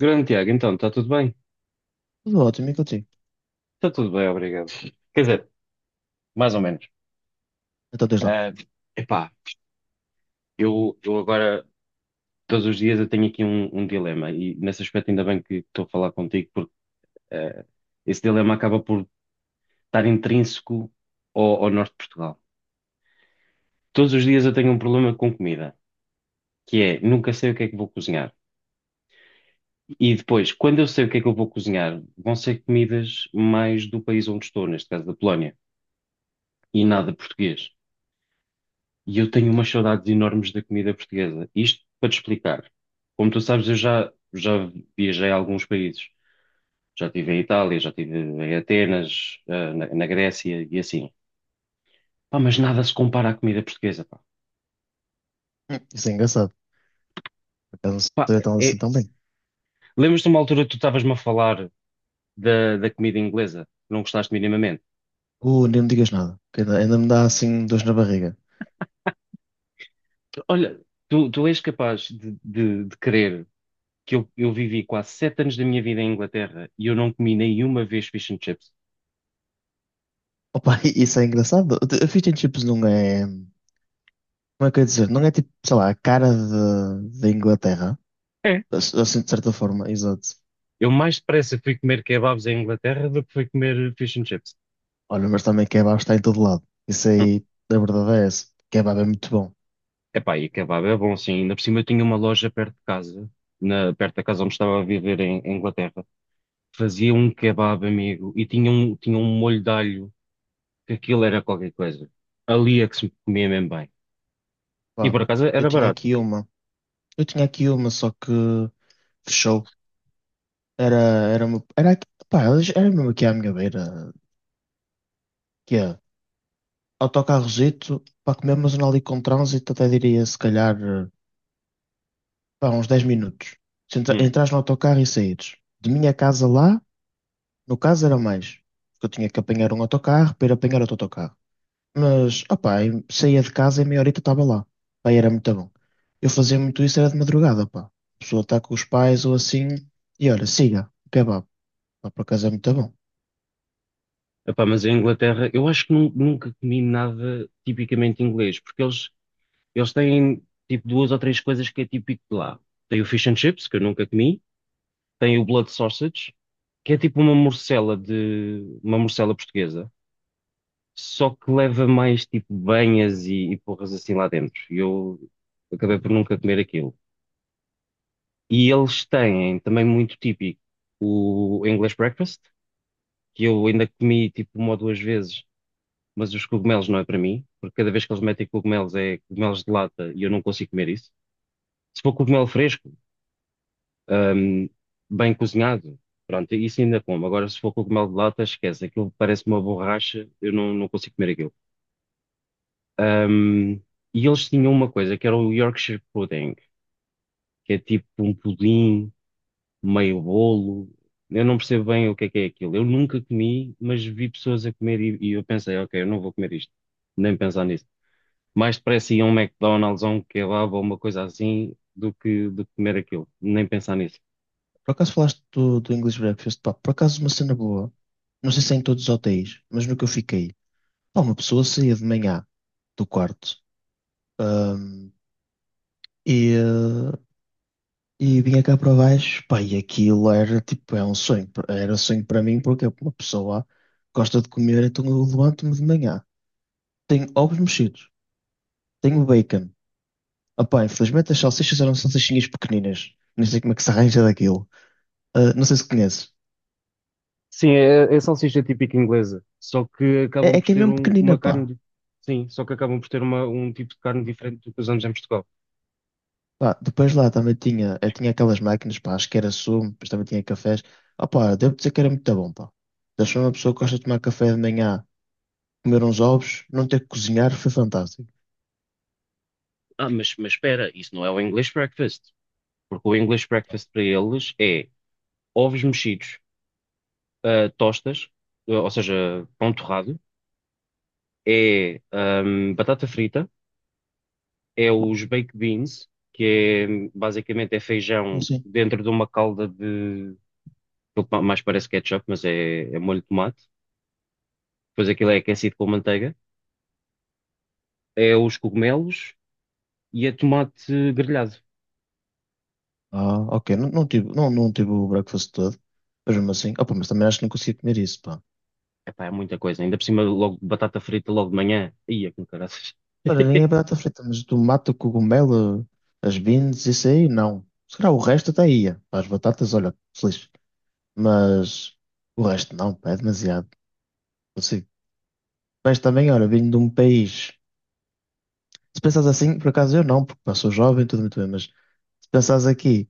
Grande Tiago, então, está tudo bem? Tudo ótimo, e contigo? Está tudo bem, obrigado. Quer dizer, mais ou menos. Então, desde lá. Ah, epá, eu agora, todos os dias, eu tenho aqui um dilema e nesse aspecto ainda bem que estou a falar contigo, porque ah, esse dilema acaba por estar intrínseco ao norte de Portugal. Todos os dias eu tenho um problema com comida, que é nunca sei o que é que vou cozinhar. E depois, quando eu sei o que é que eu vou cozinhar, vão ser comidas mais do país onde estou, neste caso da Polónia, e nada português. E eu tenho Certo? umas saudades enormes da comida portuguesa. Isto para te explicar. Como tu sabes, eu já viajei a alguns países. Já estive em Itália, já estive em Atenas, na Grécia e assim. Pá, mas nada se compara à comida portuguesa, pá. Hum. Isso é engraçado. Por acaso não Pá, sei então assim é... tão bem. Lembras-te de uma altura que tu estavas-me a falar da comida inglesa? Não gostaste minimamente? Nem me digas nada, que ainda me dá assim dores na barriga. Olha, tu és capaz de crer que eu vivi quase 7 anos da minha vida em Inglaterra e eu não comi nenhuma vez fish and chips? Opa, isso é engraçado. A fish and chips não é. Como é que eu ia dizer? Não é tipo, sei lá, a cara da Inglaterra. É. Assim, de certa forma, exato. Eu mais depressa fui comer kebabs em Inglaterra do que fui comer fish and chips. Olha, mas também kebab está em todo lado. Isso Hum. aí, da verdade é essa. Kebab é muito bom. Epá, e kebab é bom, sim. Ainda por cima eu tinha uma loja perto de casa, perto da casa onde estava a viver em Inglaterra. Fazia um kebab, amigo, e tinha um molho de alho, que aquilo era qualquer coisa. Ali é que se comia mesmo bem. E por Pá, acaso eu era tinha barato. aqui uma. Eu tinha aqui uma, só que fechou. Era, era uma. Pá, era mesmo aqui à minha beira. Que é autocarrozito para comer, mas não ali com trânsito, até diria se calhar pá, uns 10 minutos. Se Hum. entras no autocarro e saíres. De minha casa lá, no caso era mais, porque eu tinha que apanhar um autocarro para ir apanhar outro autocarro. Mas, opá, eu saía de casa e meia horita estava lá. Pá, e era muito bom. Eu fazia muito isso, era de madrugada, pá. A pessoa está com os pais ou assim, e olha, siga, o kebab. Pá, por acaso é muito bom. Epá, mas em Inglaterra, eu acho que nunca comi nada tipicamente inglês, porque eles têm tipo duas ou três coisas que é típico de lá. Tem o fish and chips, que eu nunca comi, tem o Blood Sausage, que é tipo uma morcela de uma morcela portuguesa, só que leva mais tipo banhas e porras assim lá dentro. E eu acabei por nunca comer aquilo. E eles têm também muito típico o English Breakfast, que eu ainda comi tipo uma ou duas vezes, mas os cogumelos não é para mim, porque cada vez que eles metem cogumelos é cogumelos de lata e eu não consigo comer isso. Se for cogumelo fresco, ahm, bem cozinhado. Pronto, isso ainda como. Agora, se for cogumelo de lata, esquece. Aquilo parece uma borracha, eu não consigo comer aquilo. Ahm, e eles tinham uma coisa que era o Yorkshire Pudding, que é tipo um pudim, meio bolo. Eu não percebo bem o que é aquilo. Eu nunca comi, mas vi pessoas a comer e eu pensei, ok, eu não vou comer isto, nem pensar nisso. Mais depressa ia a um McDonald's ou um kebab ou uma coisa assim do que comer aquilo, nem pensar nisso. Por acaso falaste do English Breakfast? Pá, por acaso uma cena boa. Não sei se é em todos os hotéis, mas no que eu fiquei. Pá, uma pessoa saía de manhã do quarto e, eh, e vinha cá para baixo. Pá, e aquilo era tipo, é um sonho. Era um sonho para mim porque uma pessoa gosta de comer, então eu levanto-me de manhã. Tenho ovos mexidos, tenho bacon. Ah, pá, infelizmente as salsichas eram salsichinhas pequeninas. Nem sei como é que se arranja daquilo. Ah, não sei se conheces. Sim, é, é salsicha típica inglesa, só que É, acabam é por que é ter mesmo pequenina, uma pá. carne, sim, só que acabam por ter um tipo de carne diferente do que usamos em Portugal. Pá, depois lá também tinha, eu tinha aquelas máquinas, pá, acho que era sumo, depois também tinha cafés. Ah, pá, devo dizer que era muito bom, pá. Deixou uma pessoa que Ok. gosta de tomar café de manhã, comer uns ovos, não ter que cozinhar, foi fantástico. Ah, mas espera, isso não é o English breakfast, porque o English breakfast para eles é ovos mexidos, tostas, ou seja, pão torrado, é batata frita, é os baked beans, que é basicamente é Eu feijão assim, dentro de uma calda de, aquilo que mais parece ketchup, mas é molho de tomate. Depois aquilo é aquecido com manteiga, é os cogumelos e é tomate grelhado. Ok, não tive o breakfast todo, mas mesmo assim, opa, mas também acho que não conseguia comer isso, pá. Epá, é muita coisa. Ainda por cima, logo batata frita logo de manhã. Ia com caraças. Olha, nem a batata frita, mas o tomate, o cogumelo, as beans, isso aí, não. Se calhar o resto até ia, pá, as batatas, olha, feliz. Mas o resto não, pá, é demasiado. Mas também, olha, vindo de um país. Se pensares assim, por acaso eu não, porque não sou jovem, tudo muito bem, mas se pensares aqui,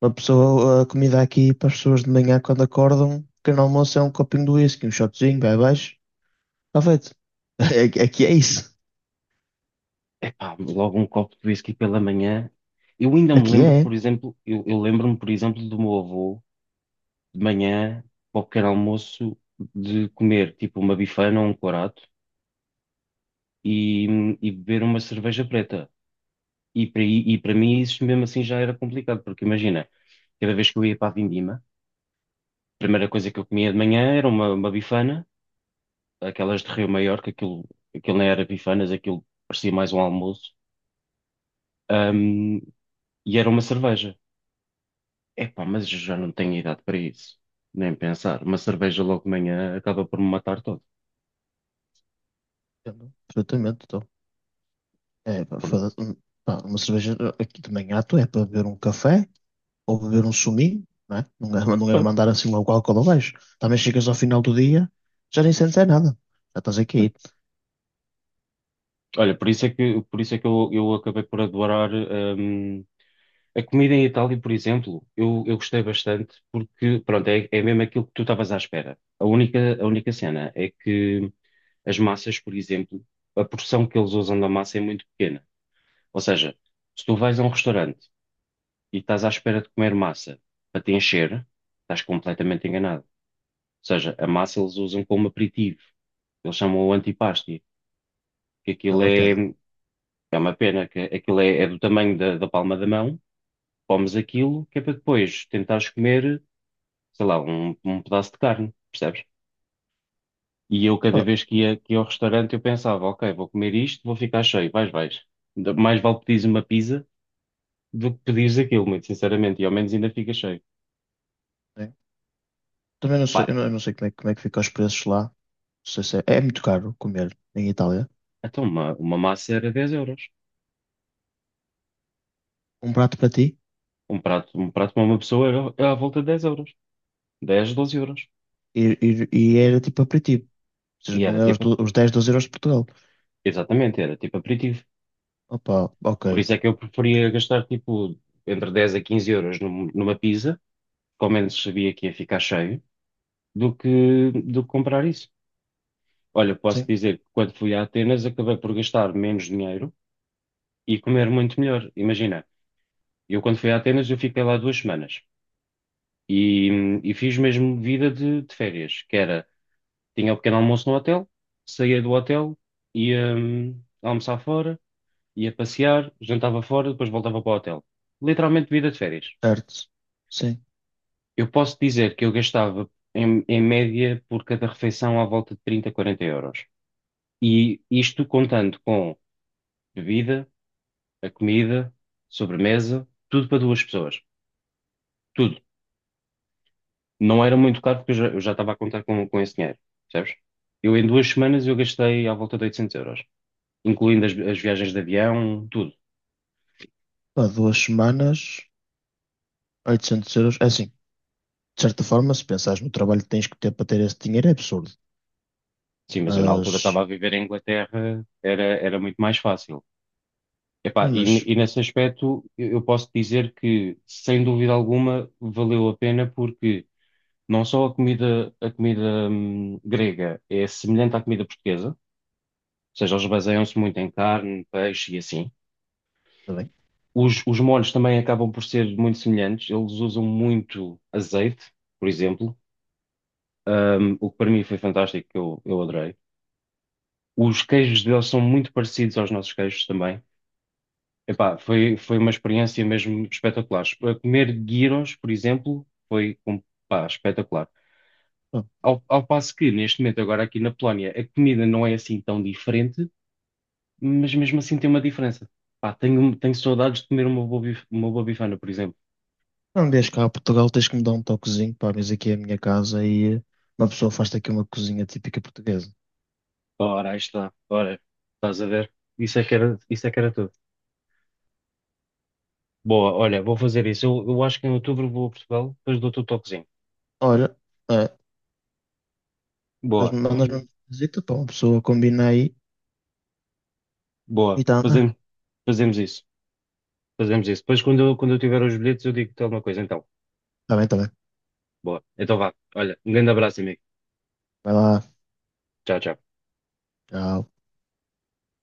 uma pessoa, a comida aqui para as pessoas de manhã quando acordam, o pequeno almoço é um copinho de whisky, um shotzinho, vai abaixo, está feito. Aqui é isso. Epá, logo um copo de whisky pela manhã. Eu ainda me Aqui lembro, é. por exemplo, eu lembro-me, por exemplo, do meu avô, de manhã, para o pequeno almoço, de comer tipo uma bifana ou um corato e, e beber uma cerveja preta. E para mim isso mesmo assim já era complicado, porque imagina, cada vez que eu ia para a Vindima, primeira coisa que eu comia de manhã era uma bifana, aquelas de Rio Maior, que aquilo, aquilo nem era bifanas, aquilo parecia mais um almoço. Ahm, e era uma cerveja. Epá, mas eu já não tenho idade para isso, nem pensar. Uma cerveja logo de manhã acaba por me matar todo. Entendo perfeitamente, então. É, pá, Por- foda. Pá, uma cerveja, aqui de manhã, tu é para beber um café ou beber um suminho, não é? Não é, não é pá, mandar assim logo álcool abaixo. Também chegas ao final do dia, já nem sentes é nada. Já estás aqui, Olha, por isso é que eu acabei por adorar, a comida em Itália, por exemplo, eu gostei bastante porque, pronto, é mesmo aquilo que tu estavas à espera. A única cena é que as massas, por exemplo, a porção que eles usam da massa é muito pequena. Ou seja, se tu vais a um restaurante e estás à espera de comer massa para te encher, estás completamente enganado. Ou seja, a massa eles usam como aperitivo. Eles chamam-o antipasti, que então é aquilo uma pena. é, é uma pena, que aquilo é do tamanho da palma da mão. Comes aquilo que é para depois tentares comer, sei lá, um pedaço de carne, percebes? E eu, cada vez que ia ao restaurante, eu pensava, ok, vou comer isto, vou ficar cheio, vais, vais. Ainda mais vale pedires uma pizza do que pedires aquilo, muito sinceramente, e ao menos ainda fica cheio. Né? Também não sei, Pá, eu não sei como é, como é que fica os preços lá. Não sei se é muito caro comer em Itália. então uma massa era 10 euros. Um prato para ti Um prato para uma pessoa era à volta de 10 euros. Dez 12 euros. e, e, e era tipo aperitivo. Ou E seja, era não é os, tipo, do- os 10 12 euros de Portugal. exatamente, era tipo aperitivo. Opa, ok. Por isso é que eu preferia gastar tipo entre 10 a 15 € numa pizza, que ao menos sabia que ia ficar cheio, do que comprar isso. Olha, posso Sim, dizer que quando fui a Atenas acabei por gastar menos dinheiro e comer muito melhor. Imagina, eu quando fui a Atenas eu fiquei lá 2 semanas e fiz mesmo vida de férias, que era, tinha o pequeno almoço no hotel, saía do hotel, ia almoçar fora, ia passear, jantava fora, depois voltava para o hotel. Literalmente vida de férias. certo. Sim. Eu posso dizer que eu gastava em média por cada refeição à volta de 30, 40 euros. E isto contando com bebida a comida, sobremesa, tudo para duas pessoas. Tudo. Não era muito caro porque eu já estava a contar com esse dinheiro, percebes? Eu em 2 semanas eu gastei à volta de 800 euros, incluindo as viagens de avião, tudo. Pá, 2 semanas, 800 euros. É assim, de certa forma, se pensares no trabalho que tens que ter para ter esse dinheiro, é absurdo. Sim, mas eu na altura Mas, estava a viver em Inglaterra, era muito mais fácil. Epá, mas, e nesse aspecto eu posso dizer que, sem dúvida alguma, valeu a pena porque não só a comida grega é semelhante à comida portuguesa, seja, eles baseiam-se muito em carne, peixe e assim. está bem. Os molhos também acabam por ser muito semelhantes. Eles usam muito azeite, por exemplo, o que para mim foi fantástico, que eu adorei. Os queijos deles são muito parecidos aos nossos queijos também. Epá, foi uma experiência mesmo espetacular. A comer gyros, por exemplo, pá, espetacular. Pá, Ao passo que, neste momento, agora aqui na Polónia, a comida não é assim tão diferente, mas mesmo assim tem uma diferença. Pá, tenho saudades de comer uma boa bifana, por exemplo. não vies cá a Portugal, tens que me dar um toquezinho. Pá, vês aqui é a minha casa e uma pessoa faz-te aqui uma cozinha típica portuguesa. Ora, aí está. Ora, estás a ver? Isso é que era, isso é que era tudo. Boa, olha, vou fazer isso. Eu acho que em outubro vou a Portugal, depois dou-te o toquezinho. Olha, é, mas Boa, mandas-me uma visita para uma pessoa combina aí boa. e tá a andar. Fazemos isso. Fazemos isso. Depois, quando eu tiver os bilhetes, eu digo-te alguma coisa. Então, Tá bem, tá bem. boa. Então vá. Olha, um grande abraço, amigo. Vai lá, Tchau, tchau. tchau.